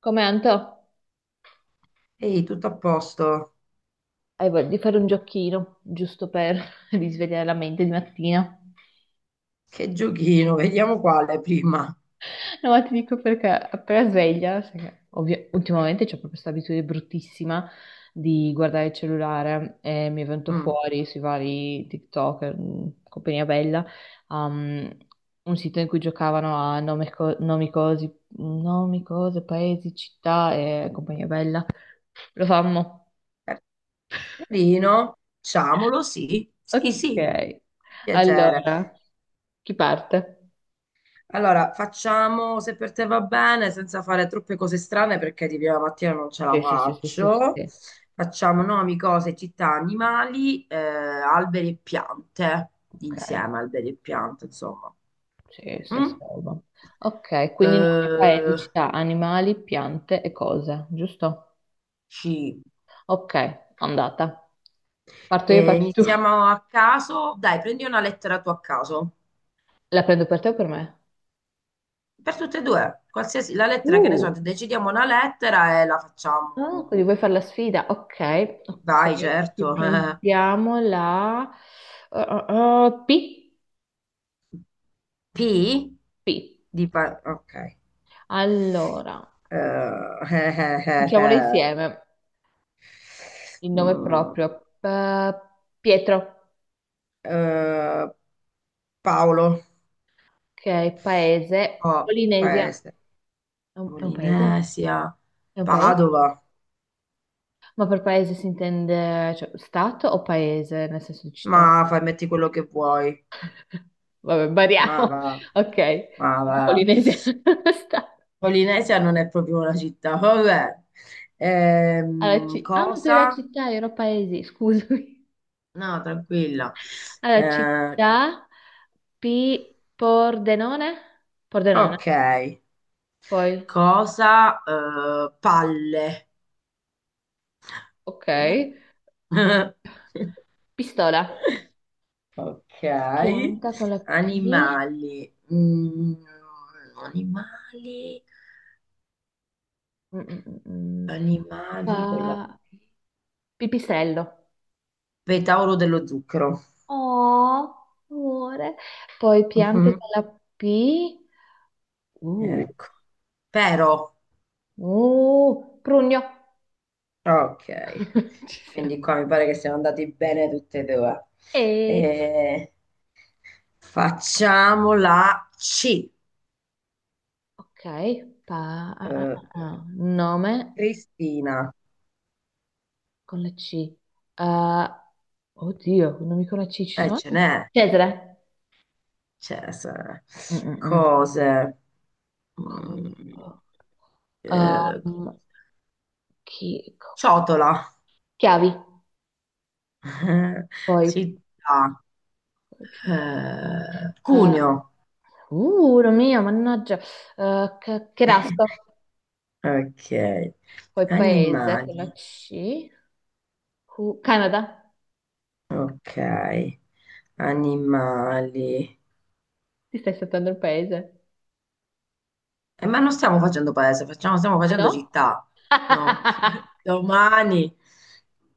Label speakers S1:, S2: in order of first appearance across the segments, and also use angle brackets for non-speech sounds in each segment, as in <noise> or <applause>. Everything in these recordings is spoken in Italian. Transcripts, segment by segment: S1: Come Anto?
S2: Ehi, tutto a posto?
S1: Hai voglia di fare un giochino, giusto per <laughs> risvegliare la mente di mattina?
S2: Che giochino, vediamo quale prima.
S1: No, ma ti dico perché appena sveglia, sai che ultimamente c'ho proprio questa abitudine bruttissima di guardare il cellulare e mi è venuto
S2: Mm.
S1: fuori sui vari TikTok, compagnia bella, um, un sito in cui giocavano a nomi, cosi, nomi, cose, paesi, città e compagnia bella. Lo fammo.
S2: Carino, facciamolo, sì,
S1: <laughs>
S2: sì, sì,
S1: Ok,
S2: piacere.
S1: allora. Chi parte?
S2: Allora, facciamo se per te va bene, senza fare troppe cose strane perché di prima mattina non ce la
S1: Sì, sì, sì, sì, sì,
S2: faccio.
S1: sì.
S2: Facciamo nomi, cose, città, animali, alberi e piante,
S1: Ok,
S2: insieme alberi e piante, insomma.
S1: sì, se
S2: Mm?
S1: salvo. Ok, quindi nome,
S2: Eh,
S1: paesi, città, animali, piante e cose, giusto?
S2: sì.
S1: Ok, andata. Parto io, parti tu.
S2: Iniziamo a caso. Dai, prendi una lettera tu a caso.
S1: La prendo per te o per me?
S2: Per tutte e due, qualsiasi la lettera che ne so,
S1: Uh,
S2: decidiamo una lettera e la
S1: ah, quindi
S2: facciamo.
S1: vuoi fare la sfida? Ok, ok.
S2: Vai, certo.
S1: Ci
S2: <laughs>
S1: prendiamo la uh, uh, P.
S2: P
S1: P.
S2: di ok.
S1: Allora,
S2: Eh, <laughs>
S1: diciamole Ok insieme. Il nome
S2: Mm,
S1: proprio. Pietro.
S2: eh, Paolo,
S1: Ok, paese,
S2: oh,
S1: Polinesia.
S2: paese,
S1: È un paese?
S2: Polinesia,
S1: È un paese?
S2: Padova.
S1: Ma per paese si intende, cioè, stato o paese, nel senso di città?
S2: Ma fai, metti quello che vuoi.
S1: <laughs> Vabbè,
S2: Ma
S1: variamo.
S2: va,
S1: Ok,
S2: ma va.
S1: Polinesia. <laughs> Stato.
S2: Polinesia non è proprio una città, vabbè.
S1: Ma tu eri la
S2: Cosa?
S1: città, io ero paesi, scusami.
S2: No, tranquilla.
S1: <laughs> Alla
S2: Eh,
S1: città, P, Pordenone? Pordenone,
S2: ok.
S1: poi,
S2: Cosa? Palle.
S1: ok.
S2: Palle? <laughs>
S1: Pistola.
S2: Ok.
S1: Pianta con la P.
S2: Animali. Animali.
S1: Mm, mm, mm, mm.
S2: Animali con la
S1: Pa-
S2: P.
S1: pipistrello.
S2: Petauro dello zucchero.
S1: Oh, amore. Poi piante
S2: Mhm.
S1: con la P. Uh,
S2: Ecco. Pero.
S1: prugno.
S2: Ok,
S1: <laughs> Ci
S2: quindi qua
S1: siamo.
S2: mi pare che siamo andati bene tutte e due.
S1: E...
S2: Eh, Facciamo la C.
S1: Ok,
S2: Eh,
S1: Nome
S2: Cristina,
S1: con la C. Ah, oddio, nomi con la C ci sono?
S2: ce n'è,
S1: Cesare.
S2: c'è,
S1: Mm, mm, mm.
S2: cose.
S1: Co-
S2: Mm, eh,
S1: Um, chi- co-
S2: Ciotola.
S1: Chiavi.
S2: <laughs>
S1: Poi,
S2: Città,
S1: eh,
S2: cuneo.
S1: Mio, mannaggia, che rasco,
S2: <laughs> Ok,
S1: poi paese, con la
S2: animali,
S1: C, Canada,
S2: ok, animali.
S1: ti stai saltando il paese,
S2: Ma non stiamo facendo paese, stiamo
S1: ah
S2: facendo
S1: no?
S2: città, no? <laughs>
S1: <laughs>
S2: Domani.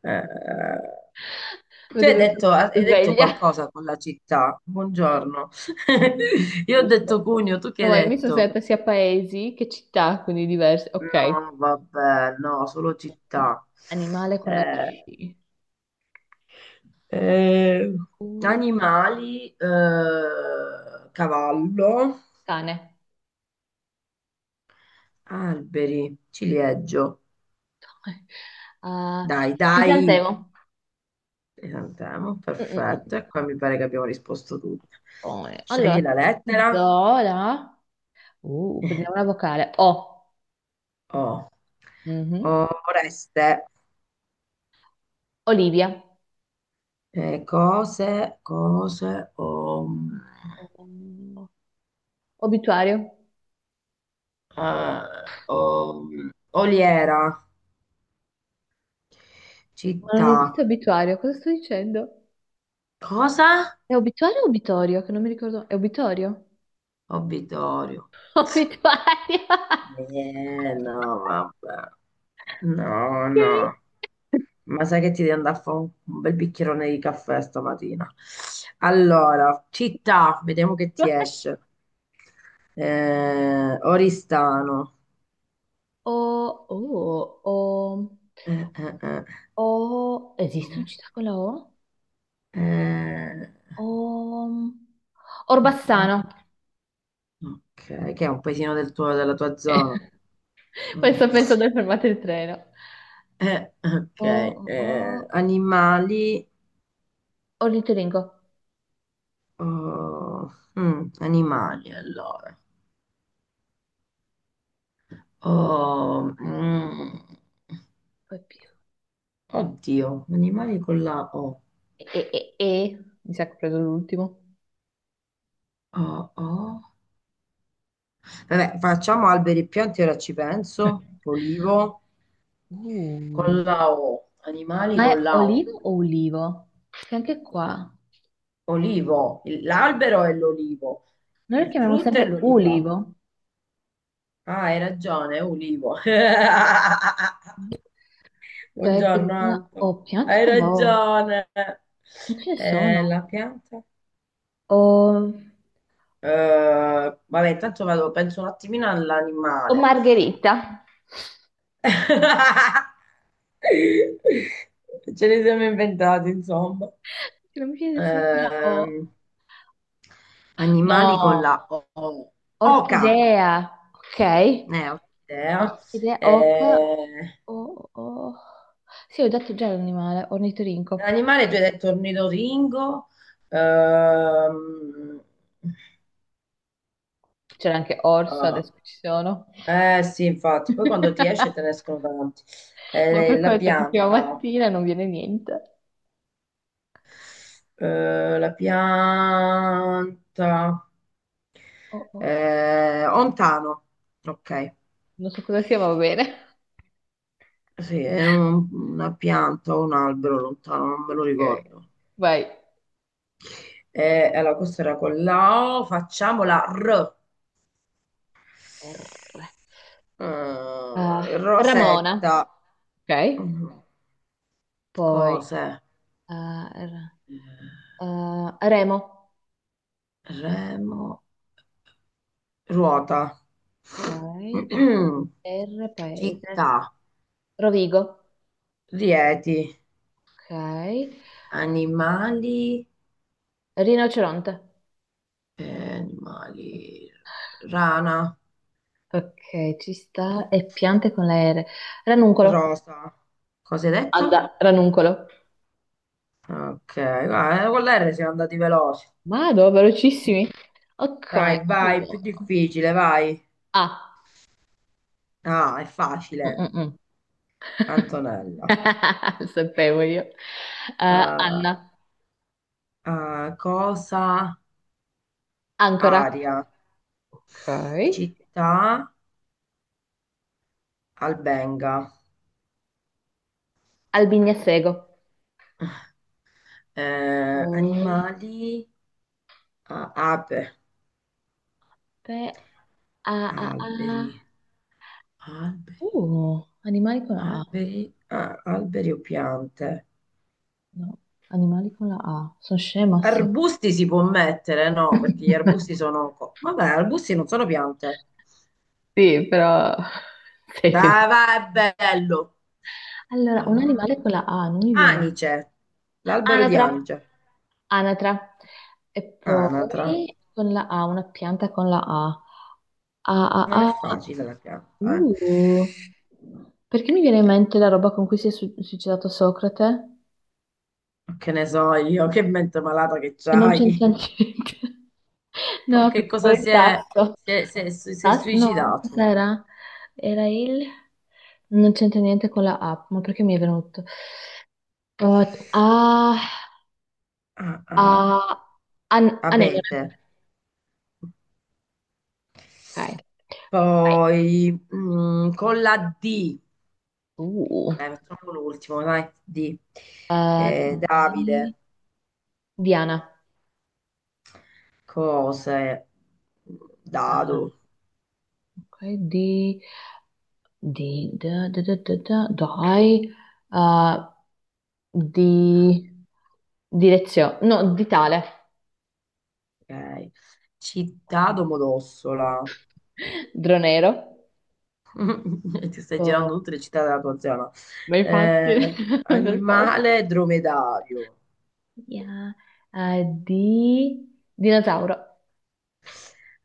S2: eh, Tu
S1: Vedo che
S2: hai
S1: sono
S2: detto
S1: sveglia,
S2: qualcosa con la città. Buongiorno. <laughs> Io ho detto
S1: giusto?
S2: Cugno, tu che
S1: No,
S2: hai
S1: ma io mi sono
S2: detto?
S1: sentita sia paesi che città, quindi diverse, ok.
S2: No, vabbè, no, solo città.
S1: Animale con la
S2: Eh,
S1: C,
S2: eh,
S1: Q,
S2: Animali. Cavallo,
S1: cane,
S2: alberi, ciliegio.
S1: <laughs> Ah,
S2: Dai, dai.
S1: crisantemo,
S2: Esatto, andiamo,
S1: Mm, mm, mm.
S2: perfetto. E qua mi pare che abbiamo risposto tutti.
S1: Poi, allora,
S2: Scegli la
S1: ti do
S2: lettera
S1: la... prendiamo una vocale. O.
S2: O.
S1: Mhm.
S2: Oreste.
S1: Olivia.
S2: Cose, cose,
S1: Oh, Obituario.
S2: eh, o- oliera.
S1: Ma non
S2: Città.
S1: esiste obituario, cosa sto dicendo?
S2: Cosa?
S1: È obituario o obitorio? Che non mi ricordo. È obitorio?
S2: Obitorio.
S1: <laughs> Obituario.
S2: No, vabbè. No,
S1: Ok.
S2: no. Ma sai che ti devi andare a fare un bel bicchierone di caffè stamattina. Allora, città, vediamo che ti esce. Oristano.
S1: O, oh,
S2: Eh, eh, eh.
S1: o, esiste una città con la O?
S2: Eh,
S1: O,
S2: oh, oh,
S1: Orbassano.
S2: ok, che è un paesino della tua
S1: Ok.
S2: zona.
S1: <laughs>
S2: Mm.
S1: Questo penso dove fermate il treno.
S2: Ok.
S1: O,
S2: Animali.
S1: ornitoringo.
S2: Oh, animali, allora. Oh, mm.
S1: Poi P.
S2: Oddio, animali con la O.
S1: E, e- e- Mi sa che ho preso l'ultimo.
S2: O. Vabbè, facciamo alberi e piante, ora ci penso. Olivo
S1: Uh.
S2: con la O. Animali
S1: Ma
S2: con
S1: è
S2: la O.
S1: olivo o ulivo? Perché anche qua
S2: Olivo. L'albero è l'olivo.
S1: noi lo
S2: Il
S1: chiamiamo
S2: frutto è
S1: sempre
S2: l'oliva.
S1: ulivo.
S2: Ah, hai ragione, è olivo. <laughs>
S1: Ok,
S2: Buongiorno,
S1: quindi con la
S2: Anto.
S1: O, piante
S2: Hai
S1: con la O.
S2: ragione.
S1: Non ce ne sono.
S2: La pianta?
S1: O,
S2: Vabbè, intanto vado, penso un attimino
S1: o
S2: all'animale.
S1: margherita.
S2: <laughs> Ce li siamo inventati, insomma.
S1: Che non mi viene nessuno con la O.
S2: Ehm, Animali con
S1: No,
S2: la O. Oca,
S1: orchidea. Ok,
S2: ne ho idea.
S1: orchidea, oca.
S2: Eh,
S1: O. Sì, ho detto già l'animale, ornitorinco.
S2: L'animale tu hai detto ornitoringo.
S1: C'era anche
S2: Ehm,
S1: orso,
S2: ah,
S1: adesso ci sono.
S2: eh sì, infatti, poi quando ti esce te ne
S1: <laughs>
S2: escono tanti.
S1: Ma per
S2: La
S1: questo di prima
S2: pianta,
S1: mattina non viene niente.
S2: eh, la pianta,
S1: Oh, oh, oh.
S2: ontano, ok.
S1: Non so cosa sia, ma va bene. <laughs>
S2: Sì, è una pianta o un albero lontano, non me lo
S1: Ok.
S2: ricordo.
S1: Vai.
S2: E allora, questa era con la O, facciamo la R.
S1: R. Ah, Ramona.
S2: Rosetta.
S1: Ok.
S2: Mm,
S1: Poi
S2: Cose.
S1: ah, Remo.
S2: Remo. Ruota.
S1: Ok.
S2: <clears throat>
S1: R paese.
S2: Città.
S1: Rovigo.
S2: Rieti.
S1: Ok.
S2: Animali.
S1: Rinoceronte.
S2: Animali. Rana.
S1: Ok, ci sta. E piante con la R. Ranuncolo.
S2: Rosa. Cosa hai detto?
S1: Anda, ranuncolo.
S2: Ok, guarda, con l'R siamo andati veloci.
S1: Vado, velocissimi. Ok.
S2: Dai, vai, più
S1: Allora.
S2: difficile, vai.
S1: A.
S2: Ah, è
S1: Mm,
S2: facile.
S1: mm, mm. <laughs>
S2: Antonella.
S1: Lo sapevo io.
S2: Eh,
S1: Anna,
S2: Cosa?
S1: ancora.
S2: Aria.
S1: Ok.
S2: Città? Albenga.
S1: Albignasego. Poi,
S2: Animali? Ah, ape.
S1: pe- a, a,
S2: Alberi.
S1: a.
S2: Alberi.
S1: Animali con la A.
S2: Alberi o piante?
S1: No, animali con la A. Sono scema, sì.
S2: Arbusti si può mettere, no? Perché gli arbusti
S1: <laughs>
S2: sono vabbè, arbusti non sono piante.
S1: Sì, però. Sei
S2: Dai,
S1: felice.
S2: vai, è bello.
S1: Allora, un
S2: Ah.
S1: animale con la A, non mi viene.
S2: Anice, l'albero di
S1: Anatra,
S2: Anice.
S1: anatra. E
S2: Anatra.
S1: poi con la A, una pianta con la A. A, A,
S2: Non è
S1: A.
S2: facile la pianta, eh.
S1: Uh, perché mi viene in mente la roba con cui si è suicidato Socrate?
S2: Che ne so io, che mente malata che
S1: Che non
S2: c'hai.
S1: c'entra niente. <laughs>
S2: Con
S1: No,
S2: che
S1: perché
S2: cosa
S1: quello è il tasso.
S2: si è
S1: No,
S2: suicidato?
S1: cos'era? Era il... Non c'entra niente con la app, ma perché mi è venuto? Uh, ah,
S2: Ah, ah.
S1: ah, anemone.
S2: Abete.
S1: Ok. Vai.
S2: Poi, con la D.
S1: Uh,
S2: Dai, facciamo l'ultimo, dai, di
S1: eh,
S2: Davide,
S1: di- Diana.
S2: cose,
S1: Eh,
S2: dado,
S1: Ok, di... di... da- da- da- da- da- Dai. Uh, di direzione, no, di tale,
S2: ok, città Domodossola.
S1: dronero,
S2: <laughs> Ti stai
S1: Oh,
S2: girando tutte le città della tua zona.
S1: ma infatti, <laughs> per forza,
S2: Animale dromedario,
S1: Yeah. Di dinosauro,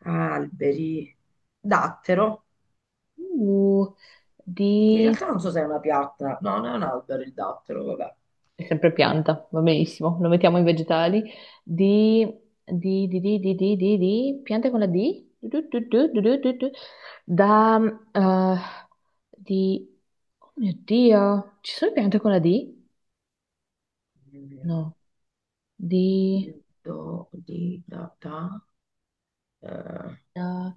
S2: alberi, dattero,
S1: Uh,
S2: in
S1: di,
S2: realtà non so se è una pianta, no, non è un albero il dattero, vabbè,
S1: è sempre pianta, va benissimo, lo mettiamo in vegetali, di, piante con la D, da, eh, di, oh mio Dio, ci sono piante con la D? No. di...
S2: do, di, da, da. Eh,
S1: da-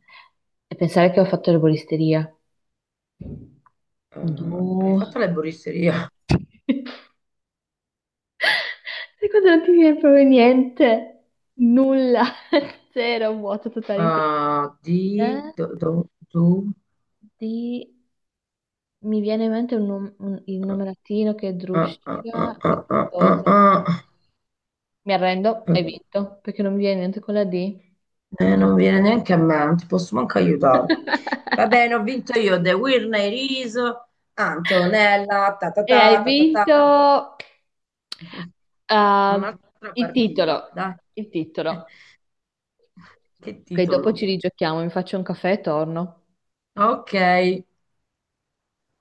S1: E pensare che ho fatto erboristeria.
S2: Hai
S1: Du...
S2: fatto l'erboristeria.
S1: <laughs> E quando non ti viene proprio niente, nulla, <laughs> zero, vuoto totale in
S2: Ah, di
S1: testa.
S2: do, do, do-
S1: Di... Mi viene in mente il nome latino che è
S2: Ah, ah, ah,
S1: Drusciga e
S2: ah, ah, ah,
S1: qualcosa.
S2: ah. Ah.
S1: Mi arrendo, hai vinto, perché non mi viene niente con la D.
S2: Non viene
S1: Assurdo.
S2: neanche a me, non ti posso manco aiutare. Va
S1: <laughs>
S2: bene, ho vinto io. The Winner is Antonella. Ta ta
S1: E hai
S2: ta ta ta ta.
S1: vinto
S2: <laughs>
S1: ah,
S2: Un'altra
S1: il
S2: partita,
S1: titolo,
S2: dai.
S1: il
S2: <laughs>
S1: titolo.
S2: Che
S1: Ok, dopo
S2: titolo?
S1: ci rigiochiamo, mi faccio un caffè e torno.
S2: Ok.